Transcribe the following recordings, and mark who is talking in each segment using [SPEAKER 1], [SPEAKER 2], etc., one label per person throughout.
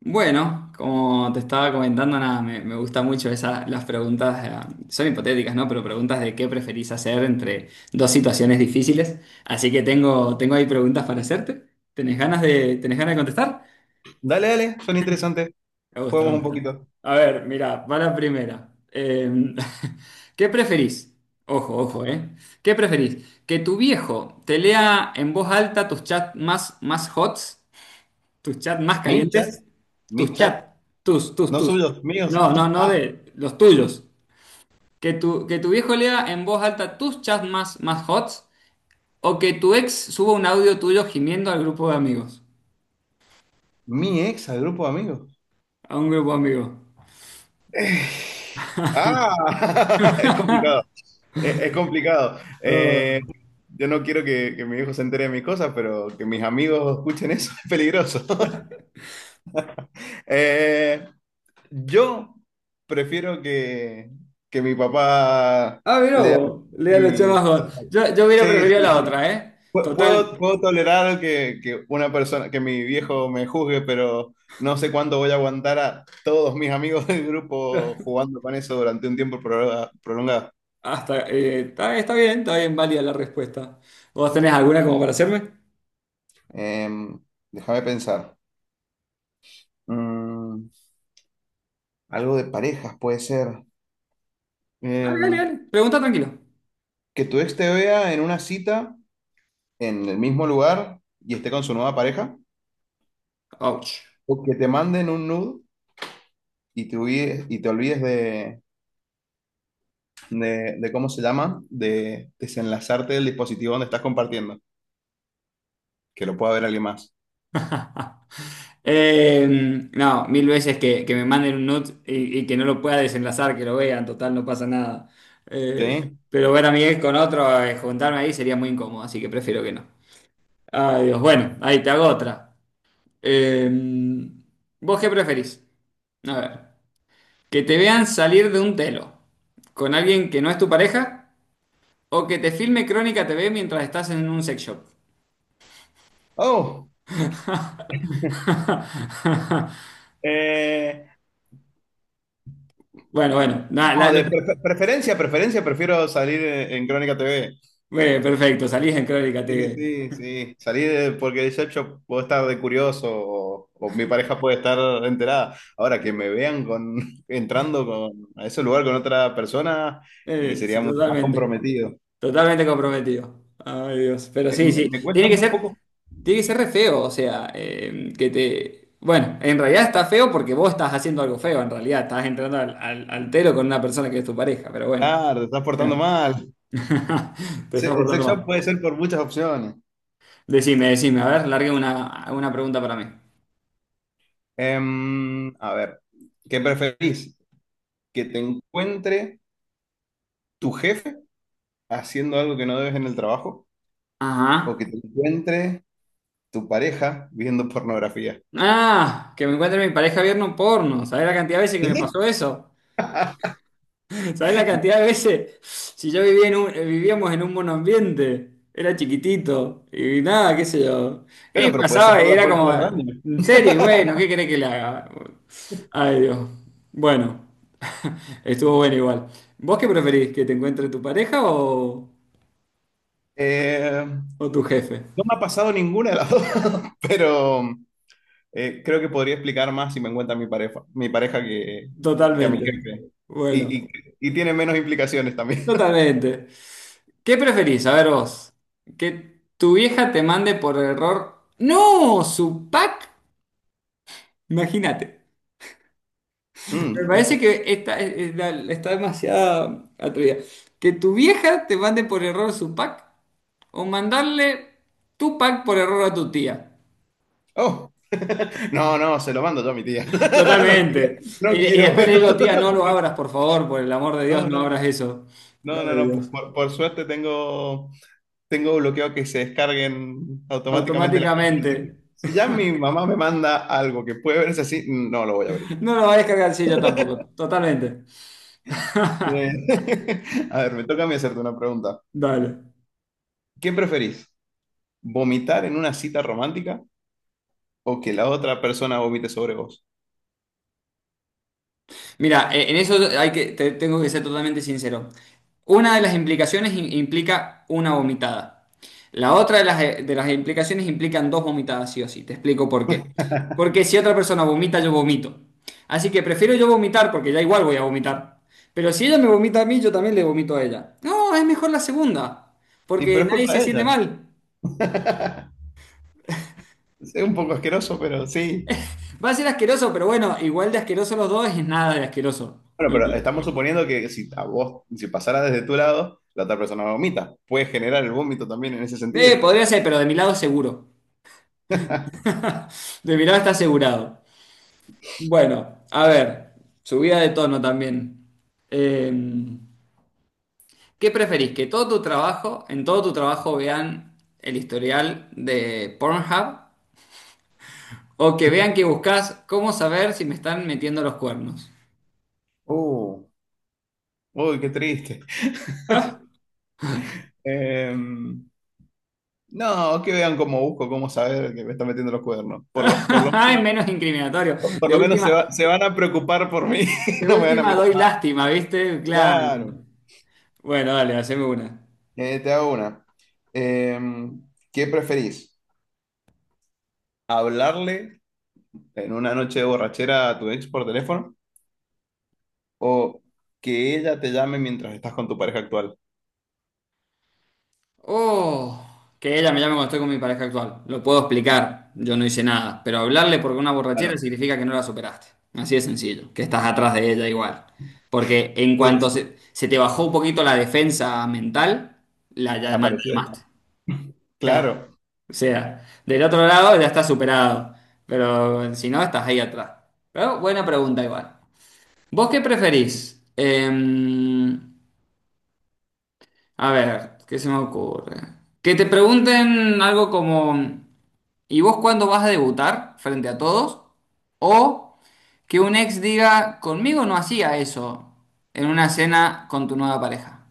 [SPEAKER 1] Bueno, como te estaba comentando, nada, me gusta mucho esa, las preguntas, son hipotéticas, ¿no? Pero preguntas de qué preferís hacer entre dos situaciones difíciles. Así que tengo ahí preguntas para hacerte. ¿Tenés ganas tenés ganas de contestar?
[SPEAKER 2] Dale, dale, son interesantes.
[SPEAKER 1] Me
[SPEAKER 2] Juguemos un
[SPEAKER 1] gusta.
[SPEAKER 2] poquito.
[SPEAKER 1] A ver, mira, va la primera. ¿Qué preferís? Ojo, ojo, ¿eh? ¿Qué preferís? ¿Que tu viejo te lea en voz alta tus chats más hots. Tus chats más
[SPEAKER 2] Mis
[SPEAKER 1] calientes.
[SPEAKER 2] chats,
[SPEAKER 1] Tus
[SPEAKER 2] mis chats,
[SPEAKER 1] chats. Tus, tus,
[SPEAKER 2] no
[SPEAKER 1] tus.
[SPEAKER 2] suyos, míos.
[SPEAKER 1] No, no, no
[SPEAKER 2] Ah,
[SPEAKER 1] de los tuyos. Que tu viejo lea en voz alta tus chats más hots. O que tu ex suba un audio tuyo gimiendo al grupo de amigos.
[SPEAKER 2] mi ex al grupo de amigos.
[SPEAKER 1] A un grupo de amigos.
[SPEAKER 2] Eh, es complicado. Es complicado. Yo no quiero que mi hijo se entere de mis cosas, pero que mis amigos escuchen eso es peligroso. Eh, yo prefiero que mi papá...
[SPEAKER 1] Ah, mira vos. Lea los chats
[SPEAKER 2] y-
[SPEAKER 1] más hots. Yo hubiera
[SPEAKER 2] Sí,
[SPEAKER 1] preferido
[SPEAKER 2] sí,
[SPEAKER 1] la
[SPEAKER 2] sí.
[SPEAKER 1] otra, ¿eh? Total.
[SPEAKER 2] Puedo, puedo tolerar que una persona, que mi viejo me juzgue, pero no sé cuándo voy a aguantar a todos mis amigos del grupo jugando con eso durante un tiempo prolongado.
[SPEAKER 1] Hasta, está bien válida la respuesta. ¿Vos tenés alguna como para hacerme?
[SPEAKER 2] Em, déjame pensar. Mm, algo de parejas puede ser. Em,
[SPEAKER 1] Dale. Pregunta tranquilo.
[SPEAKER 2] que tu ex te vea en una cita en el mismo lugar y esté con su nueva pareja.
[SPEAKER 1] Ouch.
[SPEAKER 2] O que te manden un nude y y te olvides de, de cómo se llama, de desenlazarte del dispositivo donde estás compartiendo, que lo pueda ver alguien más.
[SPEAKER 1] Eh, no, mil veces que, me manden un nude y que no lo pueda desenlazar, que lo vean, total, no pasa nada. Eh,
[SPEAKER 2] ¿Sí?
[SPEAKER 1] pero ver a Miguel con otro, juntarme ahí sería muy incómodo, así que prefiero que no. Ay, Dios, bueno, ahí te hago otra. Eh, ¿Vos qué preferís? A ver, que te vean salir de un telo con alguien que no es tu pareja o que te filme Crónica TV mientras estás en un sex shop.
[SPEAKER 2] Oh, eh,
[SPEAKER 1] Bueno, bueno, nada,
[SPEAKER 2] no, de preferencia, preferencia, prefiero salir en Crónica TV.
[SPEAKER 1] bueno, perfecto, salís en Crónica
[SPEAKER 2] Sí, sí, sí,
[SPEAKER 1] TV.
[SPEAKER 2] sí. Salir porque yo puedo estar de curioso o mi pareja puede estar enterada. Ahora que me vean con, entrando con, a ese lugar con otra persona y
[SPEAKER 1] Sí,
[SPEAKER 2] sería mucho más
[SPEAKER 1] totalmente.
[SPEAKER 2] comprometido.
[SPEAKER 1] Totalmente comprometido. Ay, Dios. Pero sí, sí.
[SPEAKER 2] Me cuesta un poco,
[SPEAKER 1] Tiene que ser re feo. O sea, que te. Bueno, en realidad está feo porque vos estás haciendo algo feo. En realidad estás entrando al telo con una persona que es tu pareja. Pero bueno.
[SPEAKER 2] claro, te estás portando
[SPEAKER 1] Claro.
[SPEAKER 2] mal.
[SPEAKER 1] Te estás
[SPEAKER 2] El
[SPEAKER 1] portando
[SPEAKER 2] sex
[SPEAKER 1] mal.
[SPEAKER 2] shop puede ser por muchas opciones.
[SPEAKER 1] Decime, decime. A ver, largue una pregunta para mí.
[SPEAKER 2] A ver, ¿qué preferís? ¿Que te encuentre tu jefe haciendo algo que no debes en el trabajo? ¿O
[SPEAKER 1] Ajá.
[SPEAKER 2] que te encuentre tu pareja viendo pornografía?
[SPEAKER 1] Ah, que me encuentre mi pareja viendo un porno. ¿Sabés la cantidad de veces que me
[SPEAKER 2] ¿Qué?
[SPEAKER 1] pasó eso? ¿Sabés la cantidad de veces? Si yo vivía en vivíamos en un monoambiente, era chiquitito y nada, qué sé yo.
[SPEAKER 2] Bueno,
[SPEAKER 1] Y
[SPEAKER 2] pero puedes
[SPEAKER 1] pasaba
[SPEAKER 2] cerrar
[SPEAKER 1] y
[SPEAKER 2] la
[SPEAKER 1] era
[SPEAKER 2] puerta
[SPEAKER 1] como,
[SPEAKER 2] del baño.
[SPEAKER 1] en serio, y bueno, ¿qué querés que le haga? Ay, Dios. Bueno, estuvo bueno igual. ¿Vos qué preferís? ¿Que te encuentre tu pareja
[SPEAKER 2] Eh,
[SPEAKER 1] o tu jefe?
[SPEAKER 2] no me ha pasado ninguna de las dos, pero creo que podría explicar más si me encuentra mi pareja que a mi
[SPEAKER 1] Totalmente.
[SPEAKER 2] jefe. Y,
[SPEAKER 1] Bueno,
[SPEAKER 2] y- y tiene menos implicaciones también.
[SPEAKER 1] totalmente. ¿Qué preferís? A ver vos. ¿Que tu vieja te mande por error? ¡No! ¿Su pack? Imagínate. Me
[SPEAKER 2] Mm,
[SPEAKER 1] parece que está, está demasiado atrevida. Que tu vieja te mande por error su pack o mandarle tu pack por error a tu tía.
[SPEAKER 2] Oh, no, no, se lo mando yo a mi tía. No quiero,
[SPEAKER 1] Totalmente. Y,
[SPEAKER 2] no
[SPEAKER 1] y
[SPEAKER 2] quiero
[SPEAKER 1] después
[SPEAKER 2] ver.
[SPEAKER 1] le digo, tía, no lo abras, por favor, por el amor de Dios,
[SPEAKER 2] No,
[SPEAKER 1] no
[SPEAKER 2] no,
[SPEAKER 1] abras
[SPEAKER 2] no.
[SPEAKER 1] eso.
[SPEAKER 2] No,
[SPEAKER 1] Gloria
[SPEAKER 2] no,
[SPEAKER 1] a
[SPEAKER 2] no.
[SPEAKER 1] Dios.
[SPEAKER 2] Por suerte tengo, tengo bloqueado que se descarguen automáticamente las cosas.
[SPEAKER 1] Automáticamente.
[SPEAKER 2] Así que si ya mi mamá me manda algo que puede verse así, no lo voy a abrir.
[SPEAKER 1] No lo va a descargar, sí, yo tampoco. Totalmente.
[SPEAKER 2] Eh, A ver, me toca a mí hacerte una pregunta.
[SPEAKER 1] Dale.
[SPEAKER 2] ¿Qué preferís? ¿Vomitar en una cita romántica o que la otra persona vomite sobre vos?
[SPEAKER 1] Mira, en eso hay que tengo que ser totalmente sincero. Una de las implicaciones implica una vomitada. La otra de las de las implicaciones implican dos vomitadas, sí o sí. Te explico por qué. Porque si otra persona vomita, yo vomito. Así que prefiero yo vomitar porque ya igual voy a vomitar. Pero si ella me vomita a mí, yo también le vomito a ella. No, es mejor la segunda,
[SPEAKER 2] Y
[SPEAKER 1] porque
[SPEAKER 2] pero es
[SPEAKER 1] nadie
[SPEAKER 2] culpa
[SPEAKER 1] se
[SPEAKER 2] de
[SPEAKER 1] siente
[SPEAKER 2] ella.
[SPEAKER 1] mal.
[SPEAKER 2] Es un poco asqueroso, pero sí.
[SPEAKER 1] Va a ser asqueroso, pero bueno, igual de asqueroso los dos es nada de asqueroso.
[SPEAKER 2] Bueno, pero estamos suponiendo que si a vos, si pasara desde tu lado, la otra persona vomita. Puede generar el vómito también en ese sentido.
[SPEAKER 1] Podría ser, pero de mi lado seguro. De mi lado está asegurado. Bueno, a ver, subida de tono también. Eh, ¿Qué preferís? ¿Que en todo tu trabajo vean el historial de Pornhub? ¿O que vean que buscas cómo saber si me están metiendo los cuernos?
[SPEAKER 2] Uh, uy, qué triste. Em, no, que vean cómo busco, cómo saber que me está metiendo los cuernos.
[SPEAKER 1] Ay, menos incriminatorio.
[SPEAKER 2] Por
[SPEAKER 1] De
[SPEAKER 2] lo menos
[SPEAKER 1] última,
[SPEAKER 2] se van a preocupar por mí,
[SPEAKER 1] de
[SPEAKER 2] no me van a
[SPEAKER 1] última
[SPEAKER 2] mirar
[SPEAKER 1] doy
[SPEAKER 2] mal.
[SPEAKER 1] lástima, ¿viste? Claro.
[SPEAKER 2] Claro.
[SPEAKER 1] Bueno, dale, haceme una.
[SPEAKER 2] Te hago una. Em, ¿Qué preferís? ¿Hablarle en una noche de borrachera a tu ex por teléfono? O que ella te llame mientras estás con tu pareja actual.
[SPEAKER 1] Oh, que ella me llame cuando estoy con mi pareja actual. Lo puedo explicar, yo no hice nada. Pero hablarle porque una borrachera
[SPEAKER 2] Claro.
[SPEAKER 1] significa que no la superaste. Así de sencillo, que estás atrás de ella igual. Porque en
[SPEAKER 2] Sí,
[SPEAKER 1] cuanto
[SPEAKER 2] sí,
[SPEAKER 1] se te bajó un poquito la defensa mental, la
[SPEAKER 2] apareció. Él.
[SPEAKER 1] llamaste. Claro.
[SPEAKER 2] Claro.
[SPEAKER 1] O sea, del otro lado ya está superado. Pero si no, estás ahí atrás. Pero buena pregunta igual. ¿Vos qué preferís? A ver, ¿qué se me ocurre? Que te pregunten algo como... ¿Y vos cuándo vas a debutar frente a todos? O que un ex diga, conmigo no hacía eso en una cena con tu nueva pareja.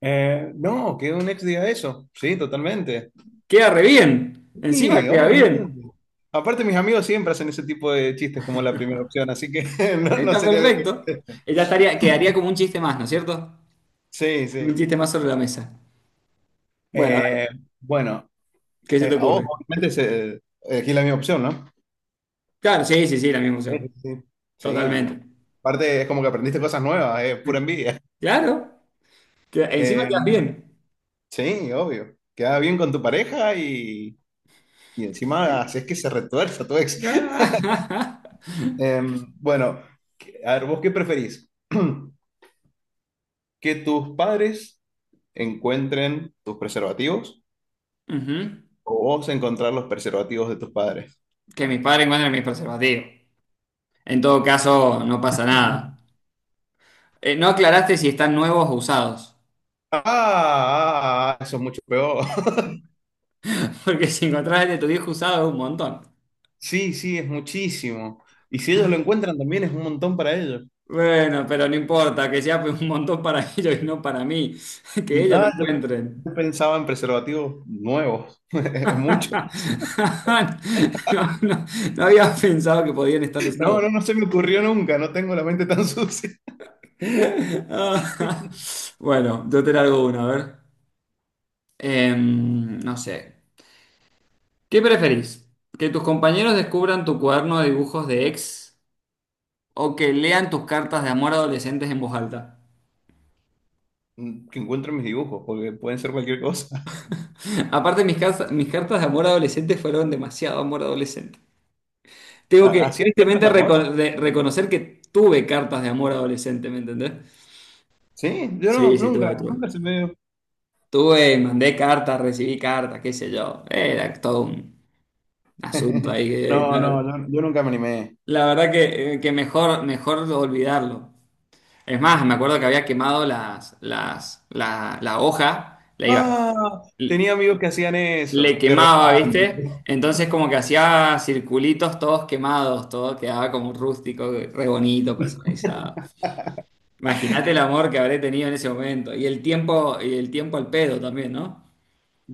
[SPEAKER 2] No, que un ex diga eso. Sí, totalmente.
[SPEAKER 1] Queda re bien. Encima
[SPEAKER 2] Sí,
[SPEAKER 1] queda
[SPEAKER 2] obviamente.
[SPEAKER 1] bien.
[SPEAKER 2] Aparte, mis amigos siempre hacen ese tipo de chistes como la primera opción, así que no, no
[SPEAKER 1] Está
[SPEAKER 2] sería algo
[SPEAKER 1] perfecto.
[SPEAKER 2] que...
[SPEAKER 1] Ella estaría, quedaría como un chiste más, ¿no es cierto?
[SPEAKER 2] Sí, sí.
[SPEAKER 1] Un chiste más sobre la mesa. Bueno,
[SPEAKER 2] Eh,
[SPEAKER 1] dale,
[SPEAKER 2] bueno,
[SPEAKER 1] ¿qué se te
[SPEAKER 2] a vos,
[SPEAKER 1] ocurre?
[SPEAKER 2] obviamente, se, elegí la misma opción, ¿no?
[SPEAKER 1] Claro, sí, sí, sí, la misma
[SPEAKER 2] Sí,
[SPEAKER 1] opción.
[SPEAKER 2] sí. Sí. Sí.
[SPEAKER 1] Totalmente.
[SPEAKER 2] Aparte, es como que aprendiste cosas nuevas, es pura envidia.
[SPEAKER 1] Claro. Encima
[SPEAKER 2] Eh,
[SPEAKER 1] quedas bien.
[SPEAKER 2] Sí, obvio. Queda bien con tu pareja y encima haces que se retuerza tu ex. Em, bueno, a ver, ¿vos qué preferís? ¿Que tus padres encuentren tus preservativos
[SPEAKER 1] Ujú.
[SPEAKER 2] o vos encontrar los preservativos de tus padres?
[SPEAKER 1] Que mis padres encuentren mis preservativos. En todo caso, no pasa nada. No aclaraste si están nuevos o usados.
[SPEAKER 2] Ah, ah, ah, eso es mucho peor.
[SPEAKER 1] Porque si encontrás el de tu viejo usado es un montón.
[SPEAKER 2] Sí, sí, es muchísimo. Y si ellos lo encuentran también es un montón para ellos.
[SPEAKER 1] Bueno, pero no importa, que sea un montón para ellos y no para mí. Que ellos lo
[SPEAKER 2] Ah, yo, pe-
[SPEAKER 1] encuentren.
[SPEAKER 2] yo pensaba en preservativos nuevos. Es mucho.
[SPEAKER 1] No, no, no había pensado que podían estar usados.
[SPEAKER 2] No, no, no se me ocurrió nunca. No tengo la mente tan sucia.
[SPEAKER 1] Ah, bueno, yo te largo una, a ver. No sé. ¿Qué preferís? ¿Que tus compañeros descubran tu cuaderno de dibujos de ex? O que lean tus cartas de amor adolescentes en voz alta.
[SPEAKER 2] Mm, que encuentro en mis dibujos, porque pueden ser cualquier cosa.
[SPEAKER 1] Aparte, mis cartas de amor adolescente fueron demasiado amor adolescente. Tengo que
[SPEAKER 2] ¿Hacías cartas
[SPEAKER 1] tristemente
[SPEAKER 2] de amor?
[SPEAKER 1] reconocer que tuve cartas de amor adolescente, ¿me entendés?
[SPEAKER 2] Sí, yo no,
[SPEAKER 1] Sí, sí,
[SPEAKER 2] nunca,
[SPEAKER 1] tuve.
[SPEAKER 2] nunca se me dio.
[SPEAKER 1] Tuve, mandé cartas, recibí cartas, qué sé yo. Era todo un asunto ahí que,
[SPEAKER 2] No,
[SPEAKER 1] claro.
[SPEAKER 2] no, yo nunca me animé.
[SPEAKER 1] La verdad que mejor, mejor olvidarlo. Es más, me acuerdo que había quemado la hoja, la iba,
[SPEAKER 2] Ah, tenía amigos que hacían
[SPEAKER 1] le
[SPEAKER 2] eso, qué
[SPEAKER 1] quemaba, ¿viste?
[SPEAKER 2] romántico.
[SPEAKER 1] Entonces como que hacía circulitos todos quemados, todo quedaba como rústico, re bonito, personalizado. Imagínate el amor que habré tenido en ese momento y el tiempo al pedo también, ¿no?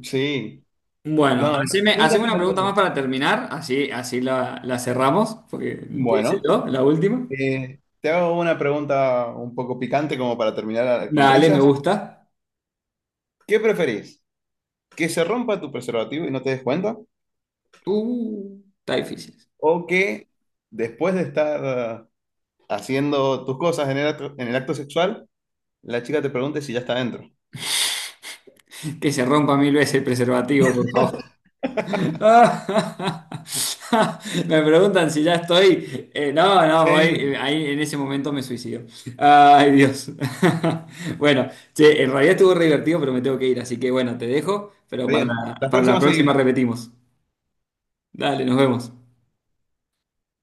[SPEAKER 2] Sí,
[SPEAKER 1] Bueno,
[SPEAKER 2] no, nunca
[SPEAKER 1] haceme
[SPEAKER 2] se
[SPEAKER 1] una
[SPEAKER 2] me
[SPEAKER 1] pregunta más
[SPEAKER 2] ocurrió.
[SPEAKER 1] para terminar, así, la, la cerramos, porque te hice
[SPEAKER 2] Bueno,
[SPEAKER 1] yo, la última.
[SPEAKER 2] te hago una pregunta un poco picante como para terminar con
[SPEAKER 1] Dale, me
[SPEAKER 2] risas.
[SPEAKER 1] gusta.
[SPEAKER 2] ¿Qué preferís? ¿Que se rompa tu preservativo y no te des cuenta?
[SPEAKER 1] Está difícil.
[SPEAKER 2] ¿O que después de estar ah, haciendo tus cosas en el acto sexual, la chica te pregunte si ya está dentro?
[SPEAKER 1] Que se rompa mil veces el preservativo, por favor. Ah, Me preguntan si ya estoy. No, no, voy.
[SPEAKER 2] Sí.
[SPEAKER 1] Ahí en ese momento me suicido. Ay, Dios. Bueno, che, en realidad estuvo re divertido, pero me tengo que ir. Así que bueno, te dejo.
[SPEAKER 2] Bien, las
[SPEAKER 1] Para la
[SPEAKER 2] próximas seguimos.
[SPEAKER 1] próxima repetimos. Dale, nos vemos.